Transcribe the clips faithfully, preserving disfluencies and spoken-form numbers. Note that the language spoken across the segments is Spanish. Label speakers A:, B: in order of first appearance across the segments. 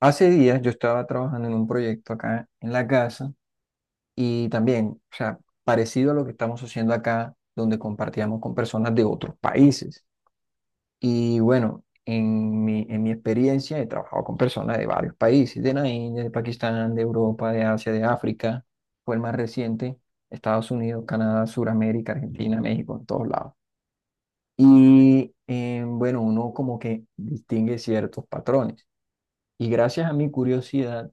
A: Hace días yo estaba trabajando en un proyecto acá en la casa y también, o sea, parecido a lo que estamos haciendo acá, donde compartíamos con personas de otros países. Y bueno, en mi, en mi experiencia he trabajado con personas de varios países, de la India, de Pakistán, de Europa, de Asia, de África. Fue el más reciente, Estados Unidos, Canadá, Suramérica, Argentina, México, en todos lados. Y eh, bueno, uno como que distingue ciertos patrones. Y gracias a mi curiosidad,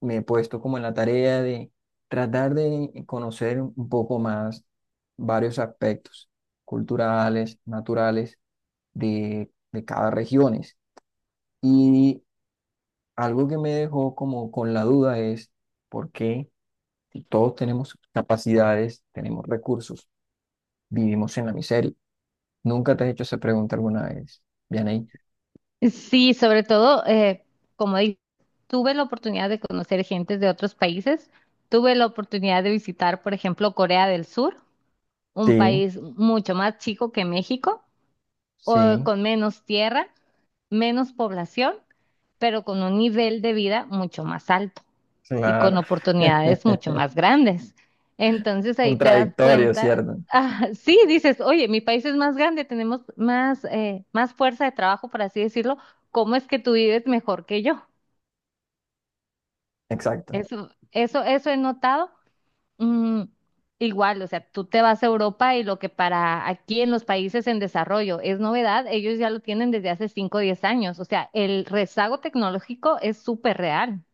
A: me he puesto como en la tarea de tratar de conocer un poco más varios aspectos culturales, naturales de, de cada regiones. Y algo que me dejó como con la duda es por qué si todos tenemos capacidades, tenemos recursos, vivimos en la miseria. ¿Nunca te has hecho esa pregunta alguna vez, Vianey?
B: Sí, sobre todo, eh, como di- tuve la oportunidad de conocer gente de otros países, tuve la oportunidad de visitar, por ejemplo, Corea del Sur, un
A: Sí,
B: país mucho más chico que México, o
A: sí,
B: con menos tierra, menos población, pero con un nivel de vida mucho más alto y con
A: claro.
B: oportunidades mucho más grandes. Entonces ahí te das
A: Contradictorio,
B: cuenta,
A: ¿cierto?
B: ah, sí, dices, oye, mi país es más grande, tenemos más, eh, más fuerza de trabajo, por así decirlo, ¿cómo es que tú vives mejor que yo?
A: Exacto.
B: Eso, eso, eso he notado. Mm, igual, o sea, tú te vas a Europa y lo que para aquí en los países en desarrollo es novedad, ellos ya lo tienen desde hace cinco o diez años. O sea, el rezago tecnológico es súper real.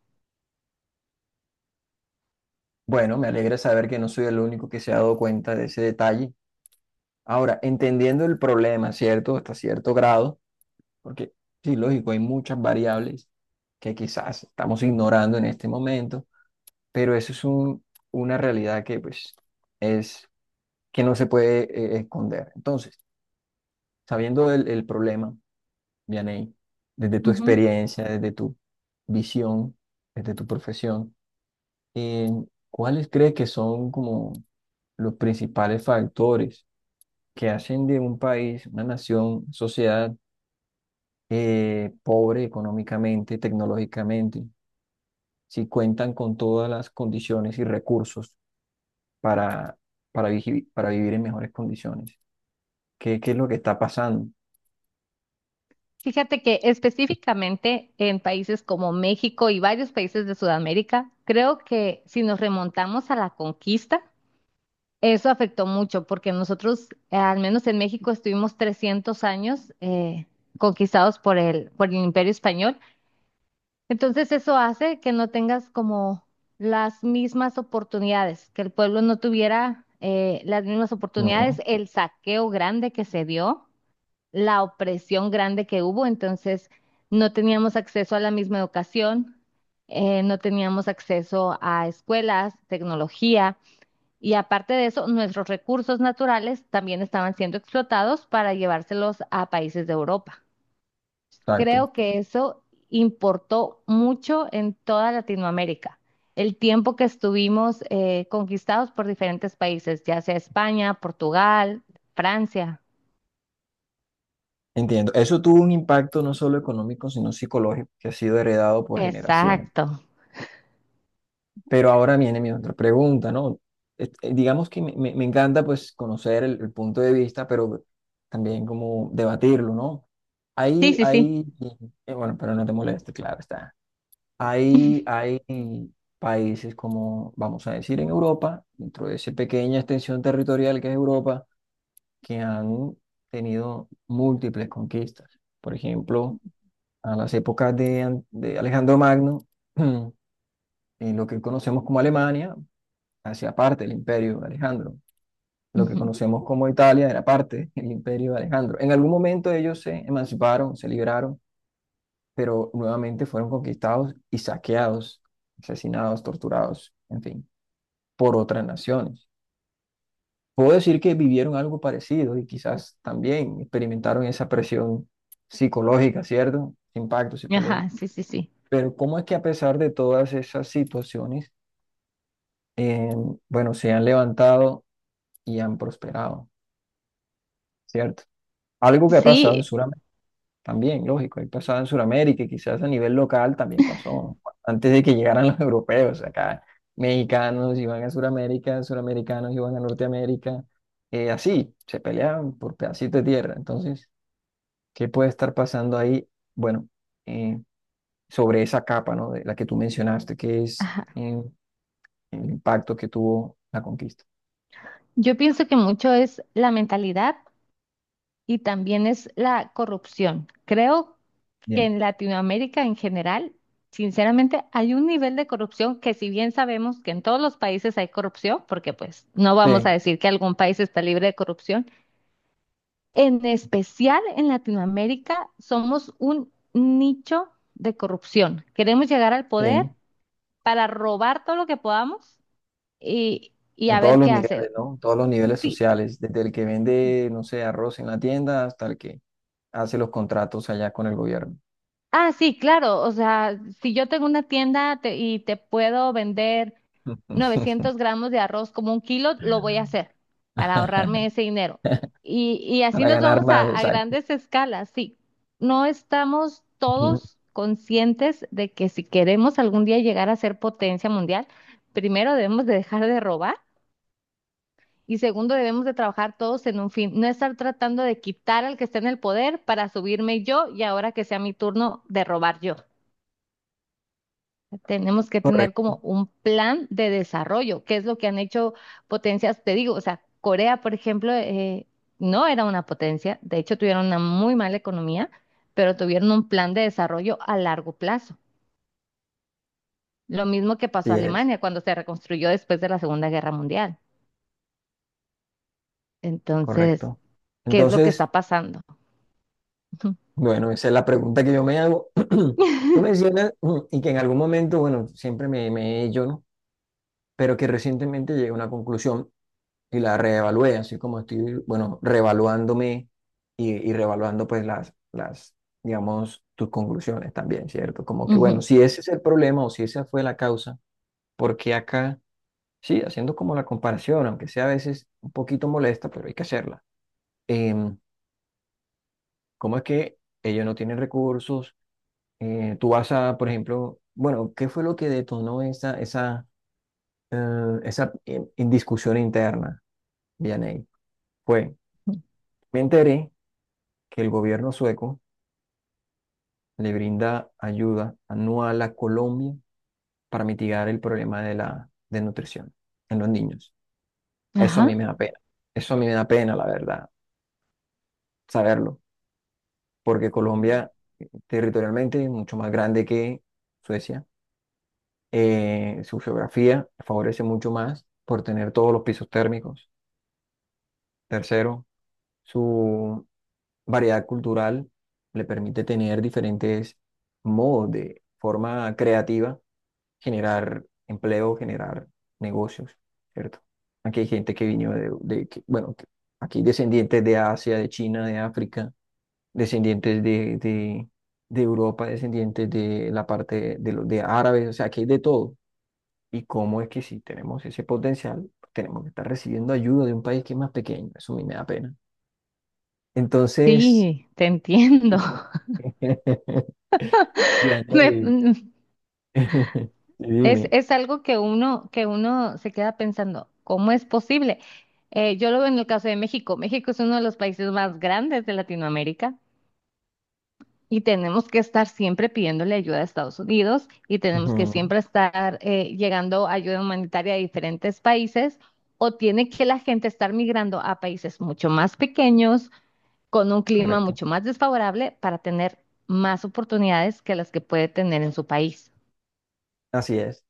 A: Bueno, me alegra saber que no soy el único que se ha dado cuenta de ese detalle. Ahora, entendiendo el problema, ¿cierto? Hasta cierto grado, porque sí, lógico, hay muchas variables que quizás estamos ignorando en este momento, pero eso es un- una realidad que pues es que no se puede eh, esconder. Entonces, sabiendo el, el problema, Vianey, desde tu
B: Ujú.
A: experiencia, desde tu visión, desde tu profesión, Eh, ¿cuáles cree que son como los principales factores que hacen de un país, una nación, sociedad eh, pobre económicamente, tecnológicamente, si cuentan con todas las condiciones y recursos para, para, vigi- para vivir en mejores condiciones? ¿Qué, qué es lo que está pasando?
B: Fíjate que específicamente en países como México y varios países de Sudamérica, creo que si nos remontamos a la conquista, eso afectó mucho porque nosotros, eh, al menos en México, estuvimos trescientos años eh, conquistados por el, por el Imperio Español. Entonces eso hace que no tengas como las mismas oportunidades, que el pueblo no tuviera eh, las mismas
A: Ujú.
B: oportunidades, el saqueo grande que se dio, la opresión grande que hubo. Entonces no teníamos acceso a la misma educación, eh, no teníamos acceso a escuelas, tecnología, y aparte de eso, nuestros recursos naturales también estaban siendo explotados para llevárselos a países de Europa.
A: Exacto.
B: Creo que eso importó mucho en toda Latinoamérica. El tiempo que estuvimos eh, conquistados por diferentes países, ya sea España, Portugal, Francia.
A: Entiendo. Eso tuvo un impacto no solo económico, sino psicológico, que ha sido heredado por generaciones.
B: Exacto.
A: Pero ahora viene mi otra pregunta, ¿no? Eh, eh, Digamos que me, me- me encanta pues conocer el, el punto de vista, pero también como debatirlo, ¿no?
B: Sí,
A: Hay,
B: sí, sí.
A: hay, eh, bueno, pero no te moleste, claro está. Hay, hay países como, vamos a decir, en Europa, dentro de esa pequeña extensión territorial que es Europa, que han tenido múltiples conquistas. Por ejemplo, a las épocas de, An- de Alejandro Magno, en lo que conocemos como Alemania, hacia parte del imperio de Alejandro. Lo que
B: Ujú.
A: conocemos como Italia era parte del imperio de Alejandro. En algún momento ellos se emanciparon, se liberaron, pero nuevamente fueron conquistados y saqueados, asesinados, torturados, en fin, por otras naciones. Puedo decir que vivieron algo parecido y quizás también experimentaron esa presión psicológica, ¿cierto? Impacto psicológico.
B: Ajá, sí, sí, sí.
A: Pero ¿cómo es que a pesar de todas esas situaciones, eh, bueno, se han levantado y han prosperado, ¿cierto? Algo que ha pasado en
B: Sí,
A: Sudamérica también, lógico, ha pasado en Sudamérica y quizás a nivel local también pasó, ¿no? Antes de que llegaran los europeos, acá mexicanos iban a Sudamérica, suramericanos iban a Norteamérica, eh, así, se peleaban por pedacitos de tierra. Entonces, ¿qué puede estar pasando ahí? Bueno, eh, sobre esa capa, ¿no? De la que tú mencionaste, que es
B: ajá.
A: eh, el impacto que tuvo la conquista.
B: Yo pienso que mucho es la mentalidad y también es la corrupción. Creo que
A: Bien.
B: en Latinoamérica en general, sinceramente, hay un nivel de corrupción que, si bien sabemos que en todos los países hay corrupción, porque pues no vamos a
A: Sí,
B: decir que algún país está libre de corrupción, en especial en Latinoamérica somos un nicho de corrupción. Queremos llegar al poder
A: sí.
B: para robar todo lo que podamos y, y
A: En
B: a
A: todos
B: ver
A: los
B: qué
A: niveles,
B: hace.
A: ¿no? En todos los niveles
B: Sí,
A: sociales, desde el que vende, no sé, arroz en la tienda hasta el que hace los contratos allá con el gobierno.
B: ah, sí, claro, o sea, si yo tengo una tienda te- y te puedo vender novecientos gramos de arroz como un kilo, lo voy a hacer para ahorrarme ese dinero. Y, y así
A: Para
B: nos
A: ganar
B: vamos a,
A: más,
B: a
A: exacto.
B: grandes escalas, sí. No estamos
A: Ujú.
B: todos conscientes de que si queremos algún día llegar a ser potencia mundial, primero debemos de dejar de robar. Y segundo, debemos de trabajar todos en un fin, no estar tratando de quitar al que está en el poder para subirme yo y ahora que sea mi turno de robar yo. Tenemos que tener
A: Correcto,
B: como un plan de desarrollo, que es lo que han hecho potencias, te digo, o sea, Corea, por ejemplo, eh, no era una potencia, de hecho tuvieron una muy mala economía, pero tuvieron un plan de desarrollo a largo plazo. Lo mismo que pasó a
A: sí es,
B: Alemania cuando se reconstruyó después de la Segunda Guerra Mundial. Entonces,
A: correcto.
B: ¿qué es lo que
A: Entonces,
B: está pasando?
A: bueno, esa es la pregunta que yo me hago. Tú mencionas, mm, y que en algún momento, bueno, siempre me, me he hecho, ¿no? Pero que recientemente llegué a una conclusión y la reevalué, así como estoy, bueno, reevaluándome y, y reevaluando pues las, las, digamos, tus conclusiones también, ¿cierto? Como que, bueno,
B: Ujú.
A: si ese es el problema o si esa fue la causa, porque acá, sí, haciendo como la comparación, aunque sea a veces un poquito molesta, pero hay que hacerla. Em, ¿cómo es que ellos no tienen recursos? Eh, tú vas a, por ejemplo, bueno, ¿qué fue lo que detonó esa, esa, eh, esa eh, indiscusión interna, Vianey? Fue, me enteré que el gobierno sueco le brinda ayuda anual a Colombia para mitigar el problema de la desnutrición en los niños. Eso a mí
B: Ajá,
A: me da pena. Eso a mí me da pena, la verdad, saberlo, porque Colombia territorialmente es mucho más grande que Suecia. Eh, su geografía favorece mucho más por tener todos los pisos térmicos. Tercero, su variedad cultural le permite tener diferentes modos de forma creativa generar empleo, generar negocios, ¿cierto? Aquí hay gente que vino de, de que- bueno, que- aquí descendientes de Asia, de China, de África, descendientes de, de, de Europa, descendientes de la parte de, los de árabes, o sea, aquí hay de todo. ¿Y cómo es que si tenemos ese potencial, tenemos que estar recibiendo ayuda de un país que es más pequeño? Eso a mí me da pena. Entonces,
B: sí, te entiendo. Me-
A: Yanei,
B: mm, es,
A: dime.
B: es algo que uno, que uno se queda pensando, ¿cómo es posible? Eh, yo lo veo en el caso de México. México es uno de los países más grandes de Latinoamérica y tenemos que estar siempre pidiéndole ayuda a Estados Unidos y tenemos
A: Ujú.
B: que siempre estar eh, llegando ayuda humanitaria a diferentes países, o tiene que la gente estar migrando a países mucho más pequeños con un clima
A: Correcto.
B: mucho más desfavorable para tener más oportunidades que las que puede tener en su país.
A: Así es.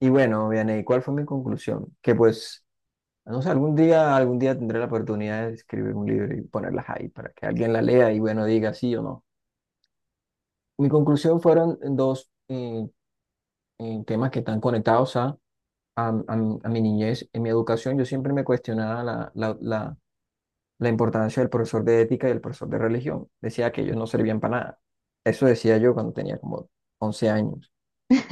A: Y bueno, Vianey, ¿cuál fue mi conclusión? Que pues, no sé, algún día, algún día tendré la oportunidad de escribir un libro y ponerlas ahí para que alguien la lea y bueno, diga sí o no. Mi conclusión fueron dos eh, eh, temas que están conectados a, a, a mi a mi niñez. En mi educación yo siempre me cuestionaba la, la, la, la importancia del profesor de ética y el profesor de religión. Decía que ellos no servían para nada. Eso decía yo cuando tenía como once años.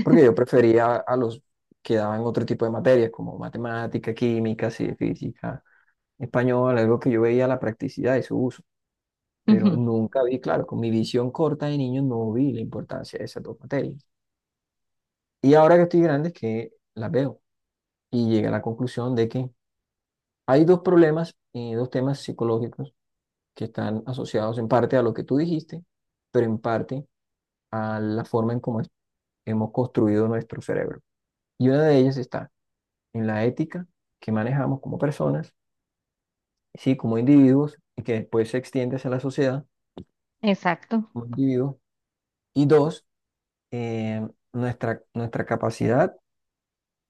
A: Porque yo prefería a los que daban otro tipo de materias, como matemática, química, sí, física, español, algo que yo veía la practicidad de su uso, pero
B: Ujú.
A: nunca vi, claro, con mi visión corta de niño no vi la importancia de esas dos materias. Y ahora que estoy grande es que las veo y llegué a la conclusión de que hay dos problemas, eh, dos temas psicológicos que están asociados en parte a lo que tú dijiste, pero en parte a la forma en cómo es- hemos construido nuestro cerebro. Y una de ellas está en la ética que manejamos como personas, sí, como individuos, y que después se extiende hacia la sociedad
B: Exacto.
A: como individuos. Y dos, eh, nuestra, nuestra capacidad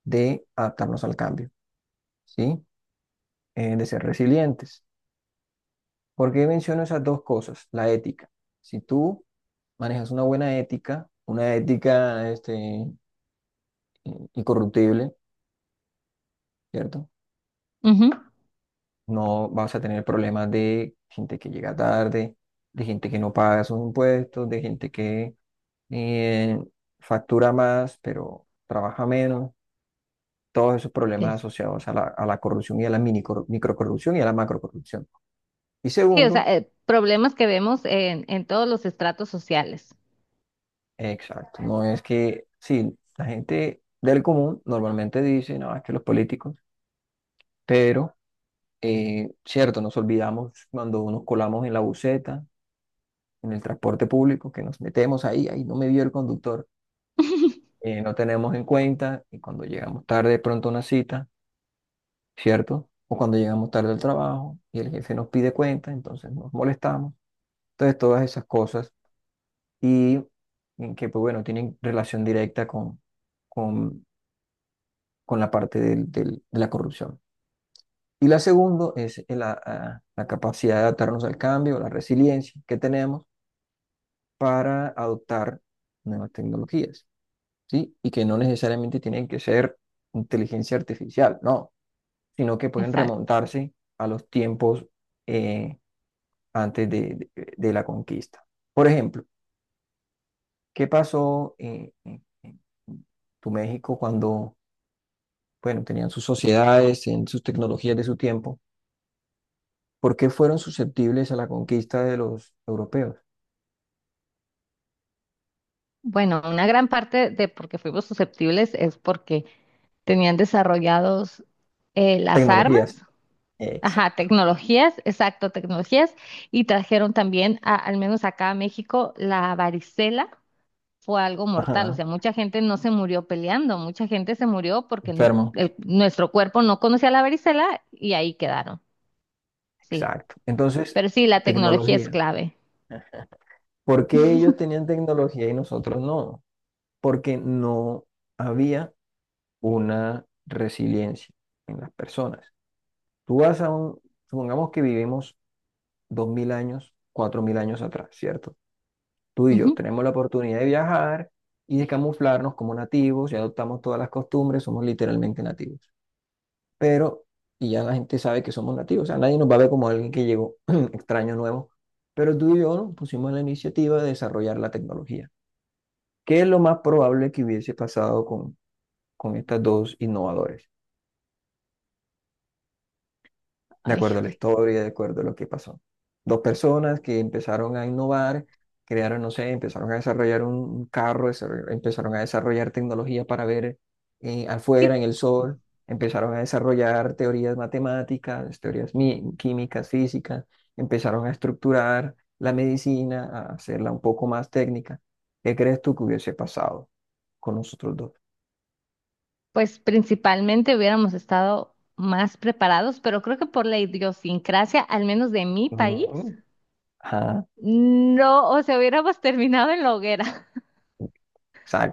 A: de adaptarnos al cambio, ¿sí? Eh, de ser resilientes. ¿Por qué menciono esas dos cosas? La ética. Si tú manejas una buena ética, una ética este, incorruptible, ¿cierto?
B: Ujú,
A: No vas a tener problemas de gente que llega tarde, de gente que no paga sus impuestos, de gente que eh, factura más, pero trabaja menos. Todos esos problemas
B: es-
A: asociados a la, a la corrupción y a la mini corru- microcorrupción y a la macrocorrupción. Y
B: Sí, o
A: segundo,
B: sea, eh, problemas que vemos en, en todos los estratos sociales.
A: exacto, no es que, sí, la gente del común normalmente dice, no, es que los políticos, pero, eh, cierto, nos olvidamos cuando nos colamos en la buseta, en el transporte público, que nos metemos ahí, ahí no me vio el conductor. Eh, no tenemos en cuenta y cuando llegamos tarde de pronto a una cita, ¿cierto? O cuando llegamos tarde al trabajo y el jefe nos pide cuenta, entonces nos molestamos. Entonces, todas esas cosas y en que, pues bueno, tienen relación directa con, con, con la parte del- del- de la corrupción. Y la segunda es el- la, a- la capacidad de adaptarnos al cambio, la resiliencia que tenemos para adoptar nuevas tecnologías, ¿sí? Y que no necesariamente tienen que ser inteligencia artificial, no, sino que pueden
B: Exacto.
A: remontarse a los tiempos eh, antes de, de- de la conquista. Por ejemplo, ¿qué pasó eh, en, en tu México cuando, bueno, tenían sus sociedades, en sus tecnologías de su tiempo? ¿Por qué fueron susceptibles a la conquista de los europeos?
B: Bueno, una gran parte de por qué fuimos susceptibles es porque tenían desarrollados eh, las
A: Tecnologías.
B: armas, ajá,
A: Exacto.
B: tecnologías, exacto, tecnologías, y trajeron también, a- al menos acá a México, la varicela fue algo mortal. O
A: Ajá.
B: sea, mucha gente no se murió peleando, mucha gente se murió porque n-
A: Enfermo.
B: el- nuestro cuerpo no conocía la varicela y ahí quedaron. Sí,
A: Exacto. Entonces,
B: pero sí, la tecnología es
A: tecnología.
B: clave.
A: ¿Por qué ellos tenían tecnología y nosotros no? Porque no había una resiliencia en las personas. Tú vas a un, supongamos que vivimos dos mil años, cuatro mil años atrás, ¿cierto? Tú y yo
B: Ujú.
A: tenemos la oportunidad de viajar y de camuflarnos como nativos, ya adoptamos todas las costumbres, somos literalmente nativos. Pero, y ya la gente sabe que somos nativos, o sea, nadie nos va a ver como alguien que llegó extraño nuevo. Pero tú y yo nos pusimos la iniciativa de desarrollar la tecnología. ¿Qué es lo más probable que hubiese pasado con, con estas dos innovadores? De
B: Ay,
A: acuerdo a la historia, de acuerdo a lo que pasó. Dos personas que empezaron a innovar, crearon, no sé, empezaron a desarrollar un un carro, desarroll- empezaron a desarrollar tecnología para ver eh,
B: y
A: afuera en el sol, empezaron a desarrollar teorías matemáticas, teorías mi- químicas, físicas, empezaron a estructurar la medicina, a hacerla un poco más técnica. ¿Qué crees tú que hubiese pasado con nosotros dos?
B: pues principalmente hubiéramos estado más preparados, pero creo que por la idiosincrasia, al menos de mi país,
A: Mm, Ajá,
B: no, o sea, hubiéramos terminado en la hoguera.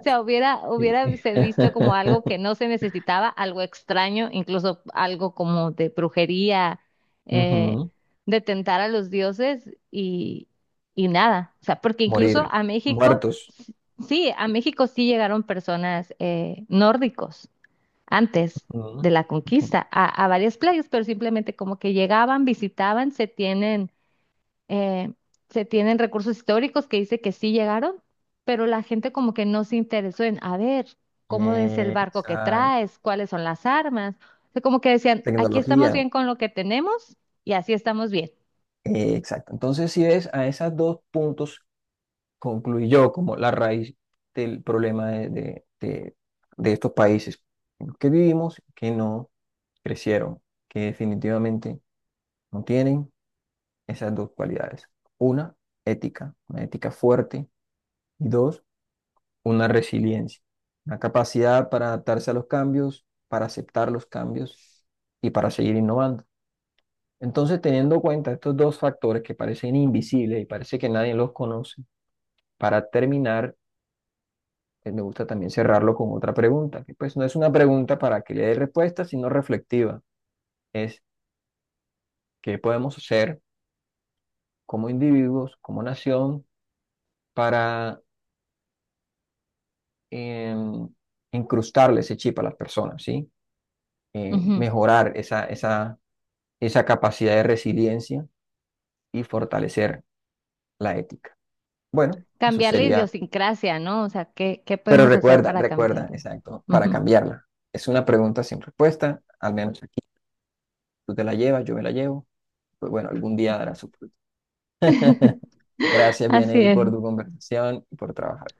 B: O sea, hubiera,
A: Sí.
B: hubiera se visto como algo que no se necesitaba, algo extraño, incluso algo como de brujería, eh,
A: Ujú.
B: de tentar a los dioses y, y nada. O sea, porque incluso
A: Morir
B: a México,
A: muertos.
B: s- sí, a México sí llegaron personas eh, nórdicos antes
A: Ujú.
B: de la
A: Ujú.
B: conquista a, a varias playas, pero simplemente como que llegaban, visitaban, se tienen eh, se tienen recursos históricos que dice que sí llegaron, pero la gente como que no se interesó en, a ver, ¿cómo es el
A: Eh,
B: barco que
A: Exacto.
B: traes? ¿Cuáles son las armas? O sea, como que decían, aquí estamos
A: Tecnología.
B: bien con lo que tenemos y así estamos bien.
A: Eh, Exacto. Entonces, si ves, a esos dos puntos concluyó como la raíz del problema de, de- de- de estos países en los que vivimos, que no crecieron, que definitivamente no tienen esas dos cualidades. Una, ética, una ética fuerte, y dos, una resiliencia, una capacidad para adaptarse a los cambios, para aceptar los cambios y para seguir innovando. Entonces, teniendo en cuenta estos dos factores que parecen invisibles y parece que nadie los conoce, para terminar, eh, me gusta también cerrarlo con otra pregunta, que pues no es una pregunta para que le dé respuesta, sino reflexiva. Es qué podemos hacer como individuos, como nación, para em, incrustarle ese chip a las personas, ¿sí? Eh,
B: Ujú.
A: mejorar esa, esa, esa capacidad de resiliencia y fortalecer la ética. Bueno, eso
B: Cambiar la
A: sería,
B: idiosincrasia, ¿no? O sea, ¿qué, qué
A: pero
B: podemos hacer
A: recuerda,
B: para
A: recuerda,
B: cambiarlo?
A: exacto, para
B: Ujú.
A: cambiarla. Es una pregunta sin respuesta, al menos aquí. Tú te la llevas, yo me la llevo. Pues bueno, algún día dará su fruto. Gracias,
B: Así
A: Bieney, por tu
B: es.
A: conversación y por trabajar.